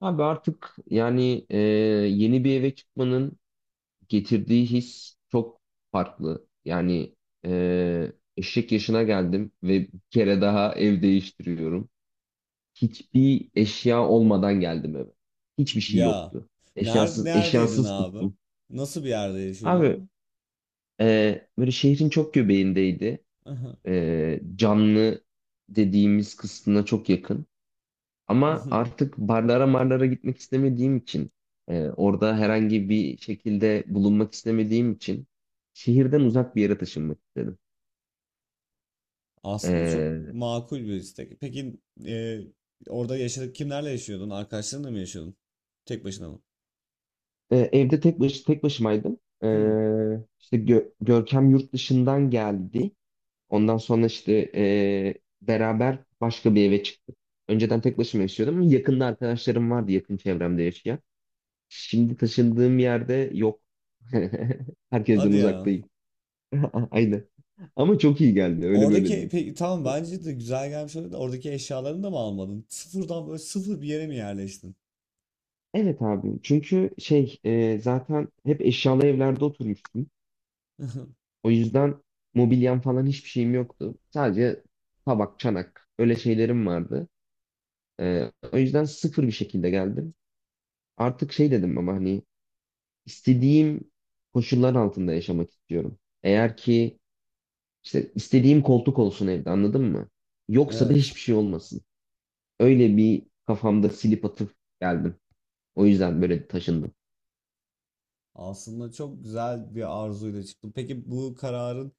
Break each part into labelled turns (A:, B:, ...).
A: Abi artık yeni bir eve çıkmanın getirdiği his çok farklı. Yani eşek yaşına geldim ve bir kere daha ev değiştiriyorum. Hiçbir eşya olmadan geldim eve. Hiçbir şey
B: Ya.
A: yoktu.
B: Nerede,
A: Eşyasız,
B: neredeydin
A: eşyasız
B: abi?
A: tuttum.
B: Nasıl bir yerde
A: Abi
B: yaşıyordun?
A: e, böyle şehrin çok göbeğindeydi.
B: Aha.
A: Canlı dediğimiz kısmına çok yakın. Ama
B: Mhm.
A: artık barlara marlara gitmek istemediğim için, orada herhangi bir şekilde bulunmak istemediğim için şehirden uzak bir yere taşınmak istedim.
B: Aslında çok
A: E,
B: makul bir istek. Peki e, orada yaşadık kimlerle yaşıyordun? Arkadaşlarınla mı yaşıyordun? Tek başına mı?
A: Evde tek başımaydım.
B: Hmm.
A: İşte Görkem yurt dışından geldi. Ondan sonra beraber başka bir eve çıktık. Önceden tek başıma yaşıyordum ama yakında arkadaşlarım vardı, yakın çevremde yaşayan. Şimdi taşındığım yerde yok. Herkesten
B: Hadi ya.
A: uzaktayım. Aynen. Ama çok iyi geldi. Öyle böyle
B: Oradaki
A: değil.
B: peki tamam bence de güzel gelmiş olabilir de oradaki eşyalarını da mı almadın? Sıfırdan böyle sıfır bir yere mi yerleştin?
A: Evet abi. Çünkü zaten hep eşyalı evlerde oturmuştum. O yüzden mobilyam falan hiçbir şeyim yoktu. Sadece tabak, çanak öyle şeylerim vardı. O yüzden sıfır bir şekilde geldim. Artık şey dedim ama hani istediğim koşullar altında yaşamak istiyorum. Eğer ki işte istediğim koltuk olsun evde, anladın mı? Yoksa da
B: Evet.
A: hiçbir şey olmasın. Öyle bir kafamda silip atıp geldim. O yüzden böyle taşındım.
B: Aslında çok güzel bir arzuyla çıktım. Peki bu kararın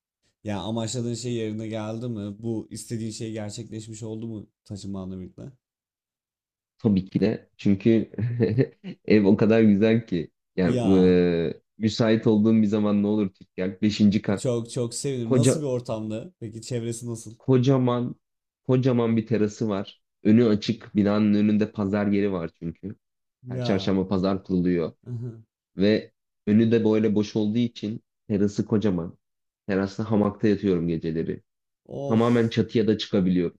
B: yani amaçladığın şey yerine geldi mi? Bu istediğin şey gerçekleşmiş oldu mu taşınmanla birlikte?
A: Tabii ki de. Çünkü ev o kadar güzel ki.
B: Ya
A: Müsait olduğum bir zaman ne olur. Yak beşinci kat.
B: çok çok sevinirim. Nasıl
A: Koca,
B: bir ortamdı? Peki çevresi nasıl?
A: kocaman kocaman bir terası var. Önü açık. Binanın önünde pazar yeri var çünkü. Her
B: Ya,
A: çarşamba pazar kuruluyor. Ve önü de böyle boş olduğu için terası kocaman. Terasta hamakta yatıyorum geceleri.
B: of,
A: Tamamen çatıya da çıkabiliyorum.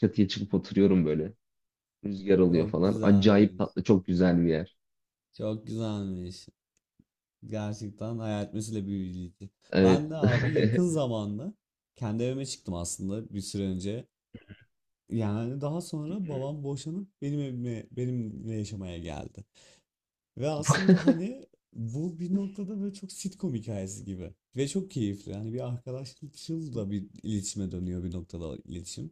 A: Çatıya çıkıp oturuyorum böyle. Rüzgar alıyor
B: çok
A: falan. Acayip
B: güzelmiş.
A: tatlı, çok güzel bir yer.
B: Çok güzelmiş. Gerçekten hayal etmesiyle büyüleyici.
A: Evet.
B: Ben de abi yakın zamanda kendi evime çıktım aslında bir süre önce. Yani daha sonra babam boşanıp benim evime benimle yaşamaya geldi. Ve aslında hani bu bir noktada böyle çok sitcom hikayesi gibi. Ve çok keyifli. Hani bir arkadaşlıkçıl da bir iletişime dönüyor bir noktada iletişim.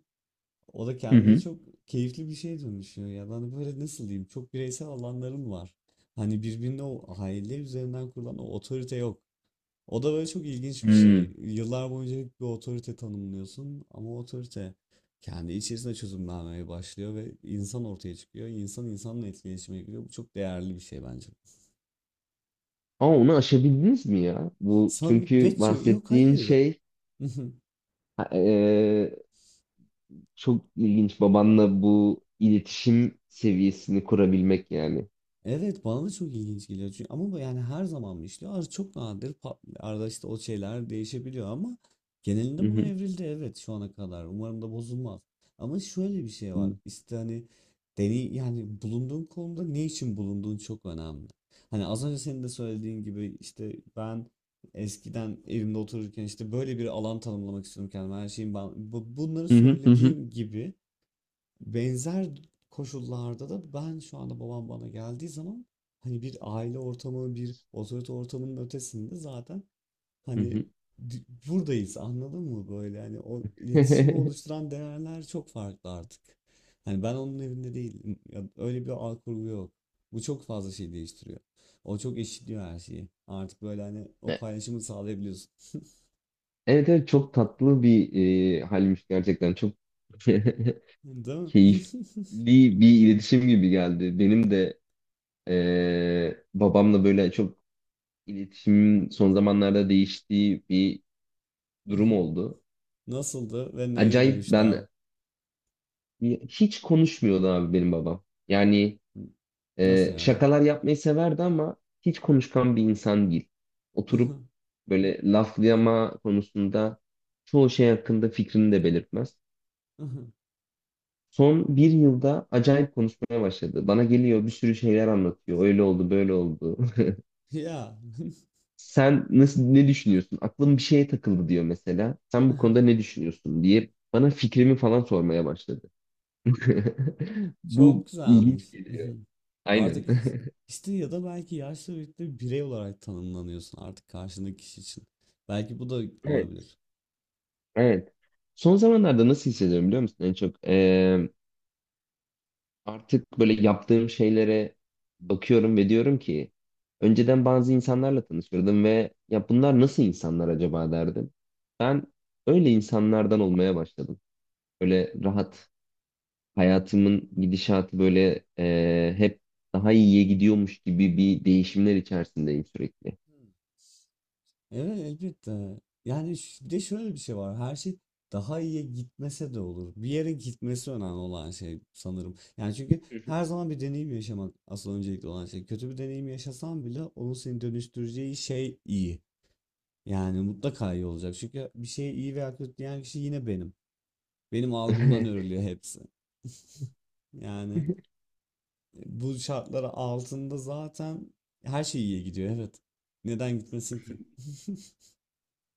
B: O da
A: Hı
B: kendince
A: hı.
B: çok keyifli bir şeye dönüşüyor. Ya da hani böyle nasıl diyeyim çok bireysel alanların var. Hani birbirine o aile üzerinden kurulan o otorite yok. O da böyle çok ilginç bir şey.
A: Hmm.
B: Yıllar boyunca hep bir otorite tanımlıyorsun ama o otorite kendi içerisinde çözümlenmeye başlıyor ve insan ortaya çıkıyor. İnsan insanla etkileşime giriyor. Bu çok değerli bir şey bence.
A: Ama onu aşabildiniz mi ya? Bu
B: San
A: çünkü
B: Vecchio yok,
A: bahsettiğin
B: hayır.
A: şey ha- e, çok ilginç, babanla bu iletişim seviyesini kurabilmek yani.
B: Evet, bana da çok ilginç geliyor çünkü, ama bu yani her zaman mı işliyor? Çok nadir arada işte o şeyler değişebiliyor ama
A: Hı
B: genelinde buna
A: hı.
B: evrildi, evet, şu ana kadar. Umarım da bozulmaz. Ama şöyle bir şey var.
A: Hı
B: İşte hani deney yani bulunduğun konuda ne için bulunduğun çok önemli. Hani az önce senin de söylediğin gibi işte ben eskiden evimde otururken işte böyle bir alan tanımlamak istiyorum kendime. Her şeyin ben bunları
A: hı hı hı.
B: söylediğim gibi. Benzer koşullarda da ben şu anda babam bana geldiği zaman hani bir aile ortamı, bir otorite ortamının ötesinde zaten
A: Hı
B: hani
A: hı.
B: buradayız, anladın mı, böyle hani o iletişimi oluşturan değerler çok farklı artık. Hani ben onun evinde değilim. Ya öyle bir ağ kurgu yok. Bu çok fazla şey değiştiriyor. O çok eşitliyor her şeyi. Artık böyle hani o paylaşımı sağlayabiliyorsun.
A: Evet, evet, çok tatlı bir halmiş gerçekten, çok
B: Değil mi?
A: keyifli bir iletişim gibi geldi. Benim de babamla böyle çok iletişimin son zamanlarda değiştiği bir durum oldu.
B: Nasıldı ve neye
A: Acayip,
B: dönüştü
A: ben,
B: abi?
A: hiç konuşmuyordu abi benim babam. Yani
B: Nasıl
A: e,
B: yani?
A: şakalar yapmayı severdi ama hiç konuşkan bir insan değil. Oturup böyle laflayama konusunda çoğu şey hakkında fikrini de belirtmez. Son bir yılda acayip konuşmaya başladı. Bana geliyor, bir sürü şeyler anlatıyor. Öyle oldu, böyle oldu.
B: Ya,
A: Sen nasıl, ne düşünüyorsun? Aklım bir şeye takıldı diyor mesela. Sen bu konuda ne düşünüyorsun diye bana fikrimi falan sormaya başladı.
B: çok
A: Bu
B: güzelmiş.
A: ilginç geliyor. Aynen.
B: Artık işte, ya da belki yaşla birlikte birey olarak tanımlanıyorsun artık karşındaki kişi için. Belki bu da
A: Evet,
B: olabilir.
A: evet. Son zamanlarda nasıl hissediyorum biliyor musun? En çok Artık böyle yaptığım şeylere bakıyorum ve diyorum ki önceden bazı insanlarla tanışırdım ve ya bunlar nasıl insanlar acaba derdim. Ben öyle insanlardan olmaya başladım. Böyle rahat, hayatımın gidişatı böyle, hep daha iyiye gidiyormuş gibi bir değişimler içerisindeyim sürekli.
B: Hmm. Evet, elbette. Yani bir de şöyle bir şey var. Her şey daha iyiye gitmese de olur. Bir yere gitmesi önemli olan şey sanırım. Yani çünkü her zaman bir deneyim yaşamak asıl öncelikli olan şey. Kötü bir deneyim yaşasan bile onun seni dönüştüreceği şey iyi. Yani mutlaka iyi olacak. Çünkü bir şey iyi veya kötü diyen kişi yine benim. Benim algımdan örülüyor hepsi.
A: Hı
B: Yani
A: hı.
B: bu şartlar altında zaten her şey iyiye gidiyor. Evet. Neden gitmesin ki?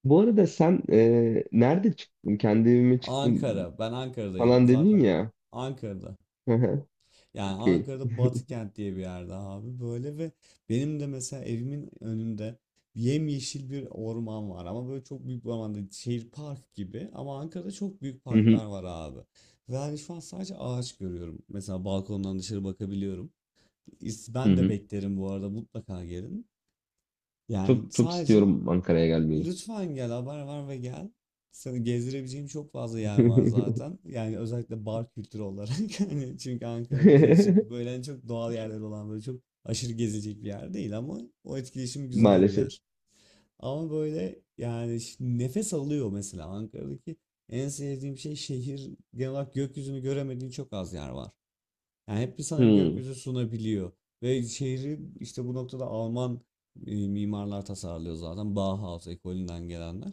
A: Bu arada sen nerede çıktın? Kendi evime çıktım
B: Ankara. Ben Ankara'dayım
A: falan dedin
B: zaten.
A: ya.
B: Ankara'da.
A: Hı hı,
B: Yani
A: okey.
B: Ankara'da Batıkent diye bir yerde abi, böyle. Ve benim de mesela evimin önünde yemyeşil bir orman var ama böyle çok büyük bir orman değil, şehir park gibi, ama Ankara'da çok büyük
A: Hı hı,
B: parklar var abi. Ve hani şu an sadece ağaç görüyorum. Mesela balkondan dışarı bakabiliyorum.
A: hı
B: Ben de
A: hı.
B: beklerim bu arada, mutlaka gelin. Yani
A: Çok çok
B: sadece.
A: istiyorum Ankara'ya gelmeyi.
B: Lütfen gel, haber ver ve gel. Seni gezdirebileceğim çok fazla yer var zaten. Yani özellikle bar kültürü olarak. Hani çünkü Ankara biliyorsun ki böyle hani çok doğal yerler olan böyle çok aşırı gezecek bir yer değil, ama o etkileşim güzel bir
A: Maalesef.
B: yer. Ama böyle yani nefes alıyor mesela. Ankara'daki en sevdiğim şey, şehir genel olarak gökyüzünü göremediğin çok az yer var. Yani hep bir sana
A: Hı,
B: gökyüzü sunabiliyor. Ve şehri işte bu noktada Alman mimarlar tasarlıyor zaten, Bauhaus ekolünden gelenler.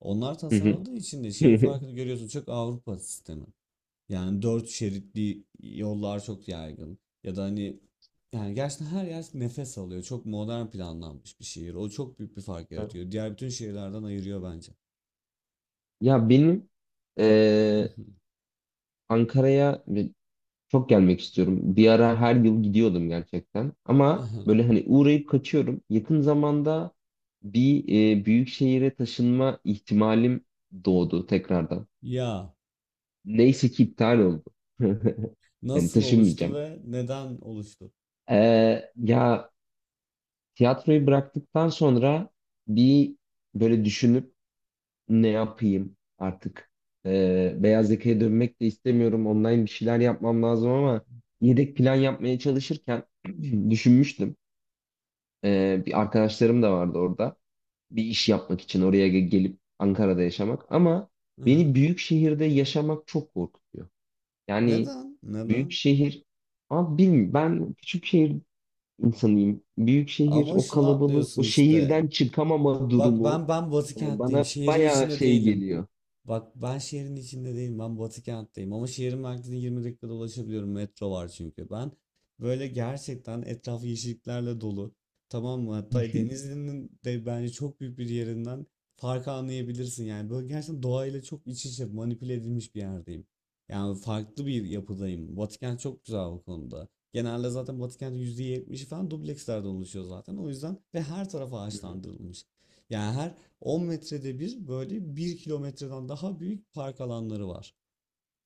B: Onlar
A: hı hı,
B: tasarladığı için de şeyin
A: hı.
B: farkını görüyorsun, çok Avrupa sistemi. Yani dört şeritli yollar çok yaygın. Ya da hani yani gerçekten her yer nefes alıyor. Çok modern planlanmış bir şehir. O çok büyük bir fark yaratıyor. Diğer bütün şehirlerden ayırıyor bence.
A: Ya benim e, Ankara'ya çok gelmek istiyorum. Bir ara her yıl gidiyordum gerçekten. Ama böyle hani uğrayıp kaçıyorum. Yakın zamanda bir büyük şehire taşınma ihtimalim doğdu tekrardan.
B: Ya,
A: Neyse ki iptal oldu. Hani
B: nasıl oluştu
A: taşınmayacağım.
B: ve neden oluştu?
A: Ya tiyatroyu bıraktıktan sonra bir böyle düşünüp ne yapayım artık. Beyaz yakaya dönmek de istemiyorum. Online bir şeyler yapmam lazım ama yedek plan yapmaya çalışırken düşünmüştüm. Bir arkadaşlarım da vardı orada. Bir iş yapmak için oraya gelip Ankara'da yaşamak. Ama beni büyük şehirde yaşamak çok korkutuyor. Yani
B: Neden?
A: büyük
B: Neden?
A: şehir, abi bilmiyorum, ben küçük şehir insanıyım. Büyük şehir,
B: Ama
A: o
B: şunu
A: kalabalık,
B: atlıyorsun
A: o
B: işte.
A: şehirden çıkamama
B: Bak,
A: durumu
B: ben Batı kentteyim.
A: bana
B: Şehrin
A: bayağı
B: içinde
A: şey
B: değilim.
A: geliyor.
B: Bak, ben şehrin içinde değilim. Ben Batı kentteyim. Ama şehrin merkezine 20 dakikada ulaşabiliyorum. Metro var çünkü. Ben böyle gerçekten etrafı yeşilliklerle dolu. Tamam mı? Hatta
A: Hı
B: Denizli'nin de bence çok büyük bir yerinden farkı anlayabilirsin. Yani böyle gerçekten doğayla çok iç içe manipüle edilmiş bir yerdeyim. Yani farklı bir yapıdayım. Batı kent çok güzel o konuda. Genelde zaten Batı kentin %70'i falan dublekslerden oluşuyor zaten. O yüzden. Ve her tarafa
A: hı.
B: ağaçlandırılmış. Yani her 10 metrede bir böyle bir kilometreden daha büyük park alanları var.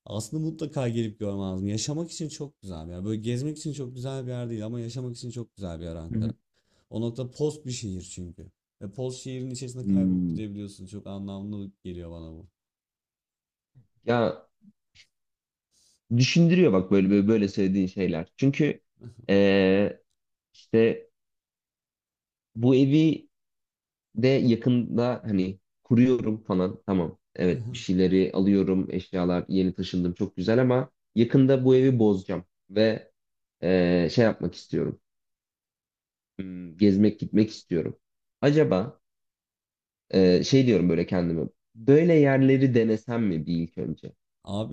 B: Aslında mutlaka gelip görmen lazım. Yaşamak için çok güzel bir yer. Böyle gezmek için çok güzel bir yer değil ama yaşamak için çok güzel bir yer
A: Hı
B: Ankara.
A: hı.
B: O nokta post bir şehir çünkü. Ve post şehrin içerisinde kaybolup
A: Hmm.
B: gidebiliyorsun. Çok anlamlı geliyor bana bu.
A: Ya düşündürüyor bak böyle böyle söylediğin şeyler. Çünkü e, işte bu evi de yakında hani kuruyorum falan. Tamam. Evet, bir şeyleri alıyorum. Eşyalar, yeni taşındım. Çok güzel ama yakında bu evi bozacağım. Ve şey yapmak istiyorum. Gezmek gitmek istiyorum. Acaba şey diyorum böyle kendime. Böyle yerleri denesem mi bir ilk önce?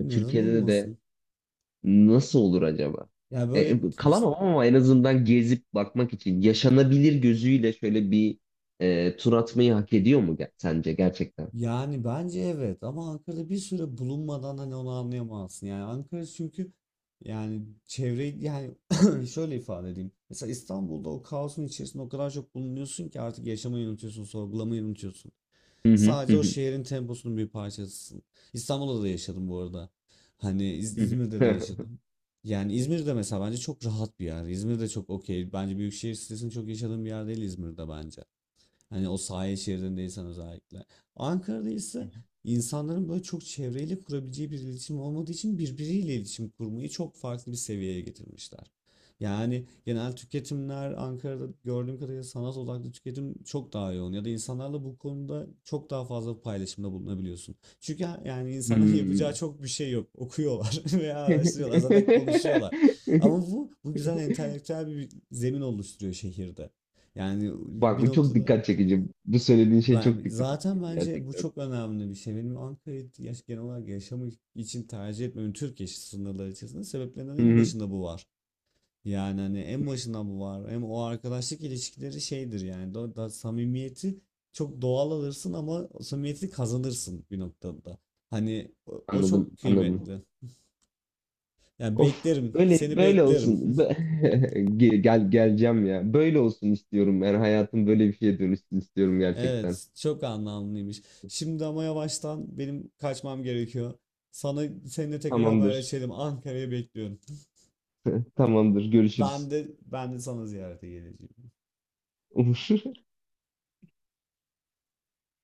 B: neden
A: Türkiye'de de
B: olmasın?
A: nasıl olur acaba?
B: Ya böyle
A: Kalamam
B: işte.
A: ama en azından gezip bakmak için yaşanabilir gözüyle şöyle bir tur atmayı hak ediyor mu, sence gerçekten?
B: Yani bence evet, ama Ankara'da bir süre bulunmadan hani onu anlayamazsın. Yani Ankara çünkü yani çevre, yani şöyle ifade edeyim. Mesela İstanbul'da o kaosun içerisinde o kadar çok bulunuyorsun ki artık yaşamayı unutuyorsun, sorgulamayı unutuyorsun.
A: Hı hı hı,
B: Sadece o
A: hı.
B: şehrin temposunun bir parçasısın. İstanbul'da da yaşadım bu arada. Hani
A: Hı
B: İzmir'de de
A: hı.
B: yaşadım. Yani İzmir'de mesela bence çok rahat bir yer. İzmir'de çok okey. Bence büyük şehir stresini çok yaşadığım bir yer değil İzmir'de, bence. Hani o sahil şeridindeysen özellikle. Ankara'da ise insanların böyle çok çevreyle kurabileceği bir iletişim olmadığı için birbiriyle iletişim kurmayı çok farklı bir seviyeye getirmişler. Yani genel tüketimler Ankara'da gördüğüm kadarıyla sanat odaklı tüketim çok daha yoğun, ya da insanlarla bu konuda çok daha fazla paylaşımda bulunabiliyorsun. Çünkü yani insanların yapacağı
A: Hmm.
B: çok bir şey yok. Okuyorlar veya araştırıyorlar, zaten konuşuyorlar. Ama bu güzel entelektüel bir zemin oluşturuyor şehirde. Yani
A: Bak
B: bir
A: bu çok
B: noktada
A: dikkat çekici. Bu söylediğin şey çok
B: ben,
A: dikkat çekici
B: zaten bence bu
A: gerçekten.
B: çok önemli bir şey. Benim Ankara'yı genel olarak yaşamak için tercih etmemin Türkiye sınırları içerisinde sebeplerinden
A: Hı
B: en
A: hı.
B: başında bu var. Yani hani en başında bu var. Hem o arkadaşlık ilişkileri şeydir yani. Da samimiyeti çok doğal alırsın ama o samimiyeti kazanırsın bir noktada. Hani o çok
A: Anladım, anladım.
B: kıymetli. Yani
A: Of,
B: beklerim,
A: böyle
B: seni
A: böyle
B: beklerim.
A: olsun. Gel, geleceğim ya. Böyle olsun istiyorum. Yani hayatım böyle bir şeye dönüşsün istiyorum gerçekten.
B: Evet, çok anlamlıymış. Şimdi ama yavaştan benim kaçmam gerekiyor. Sana seninle tekrar
A: Tamamdır.
B: haberleşelim. Ankara'ya bekliyorum.
A: Tamamdır.
B: Ben
A: Görüşürüz.
B: de ben de sana ziyarete geleceğim.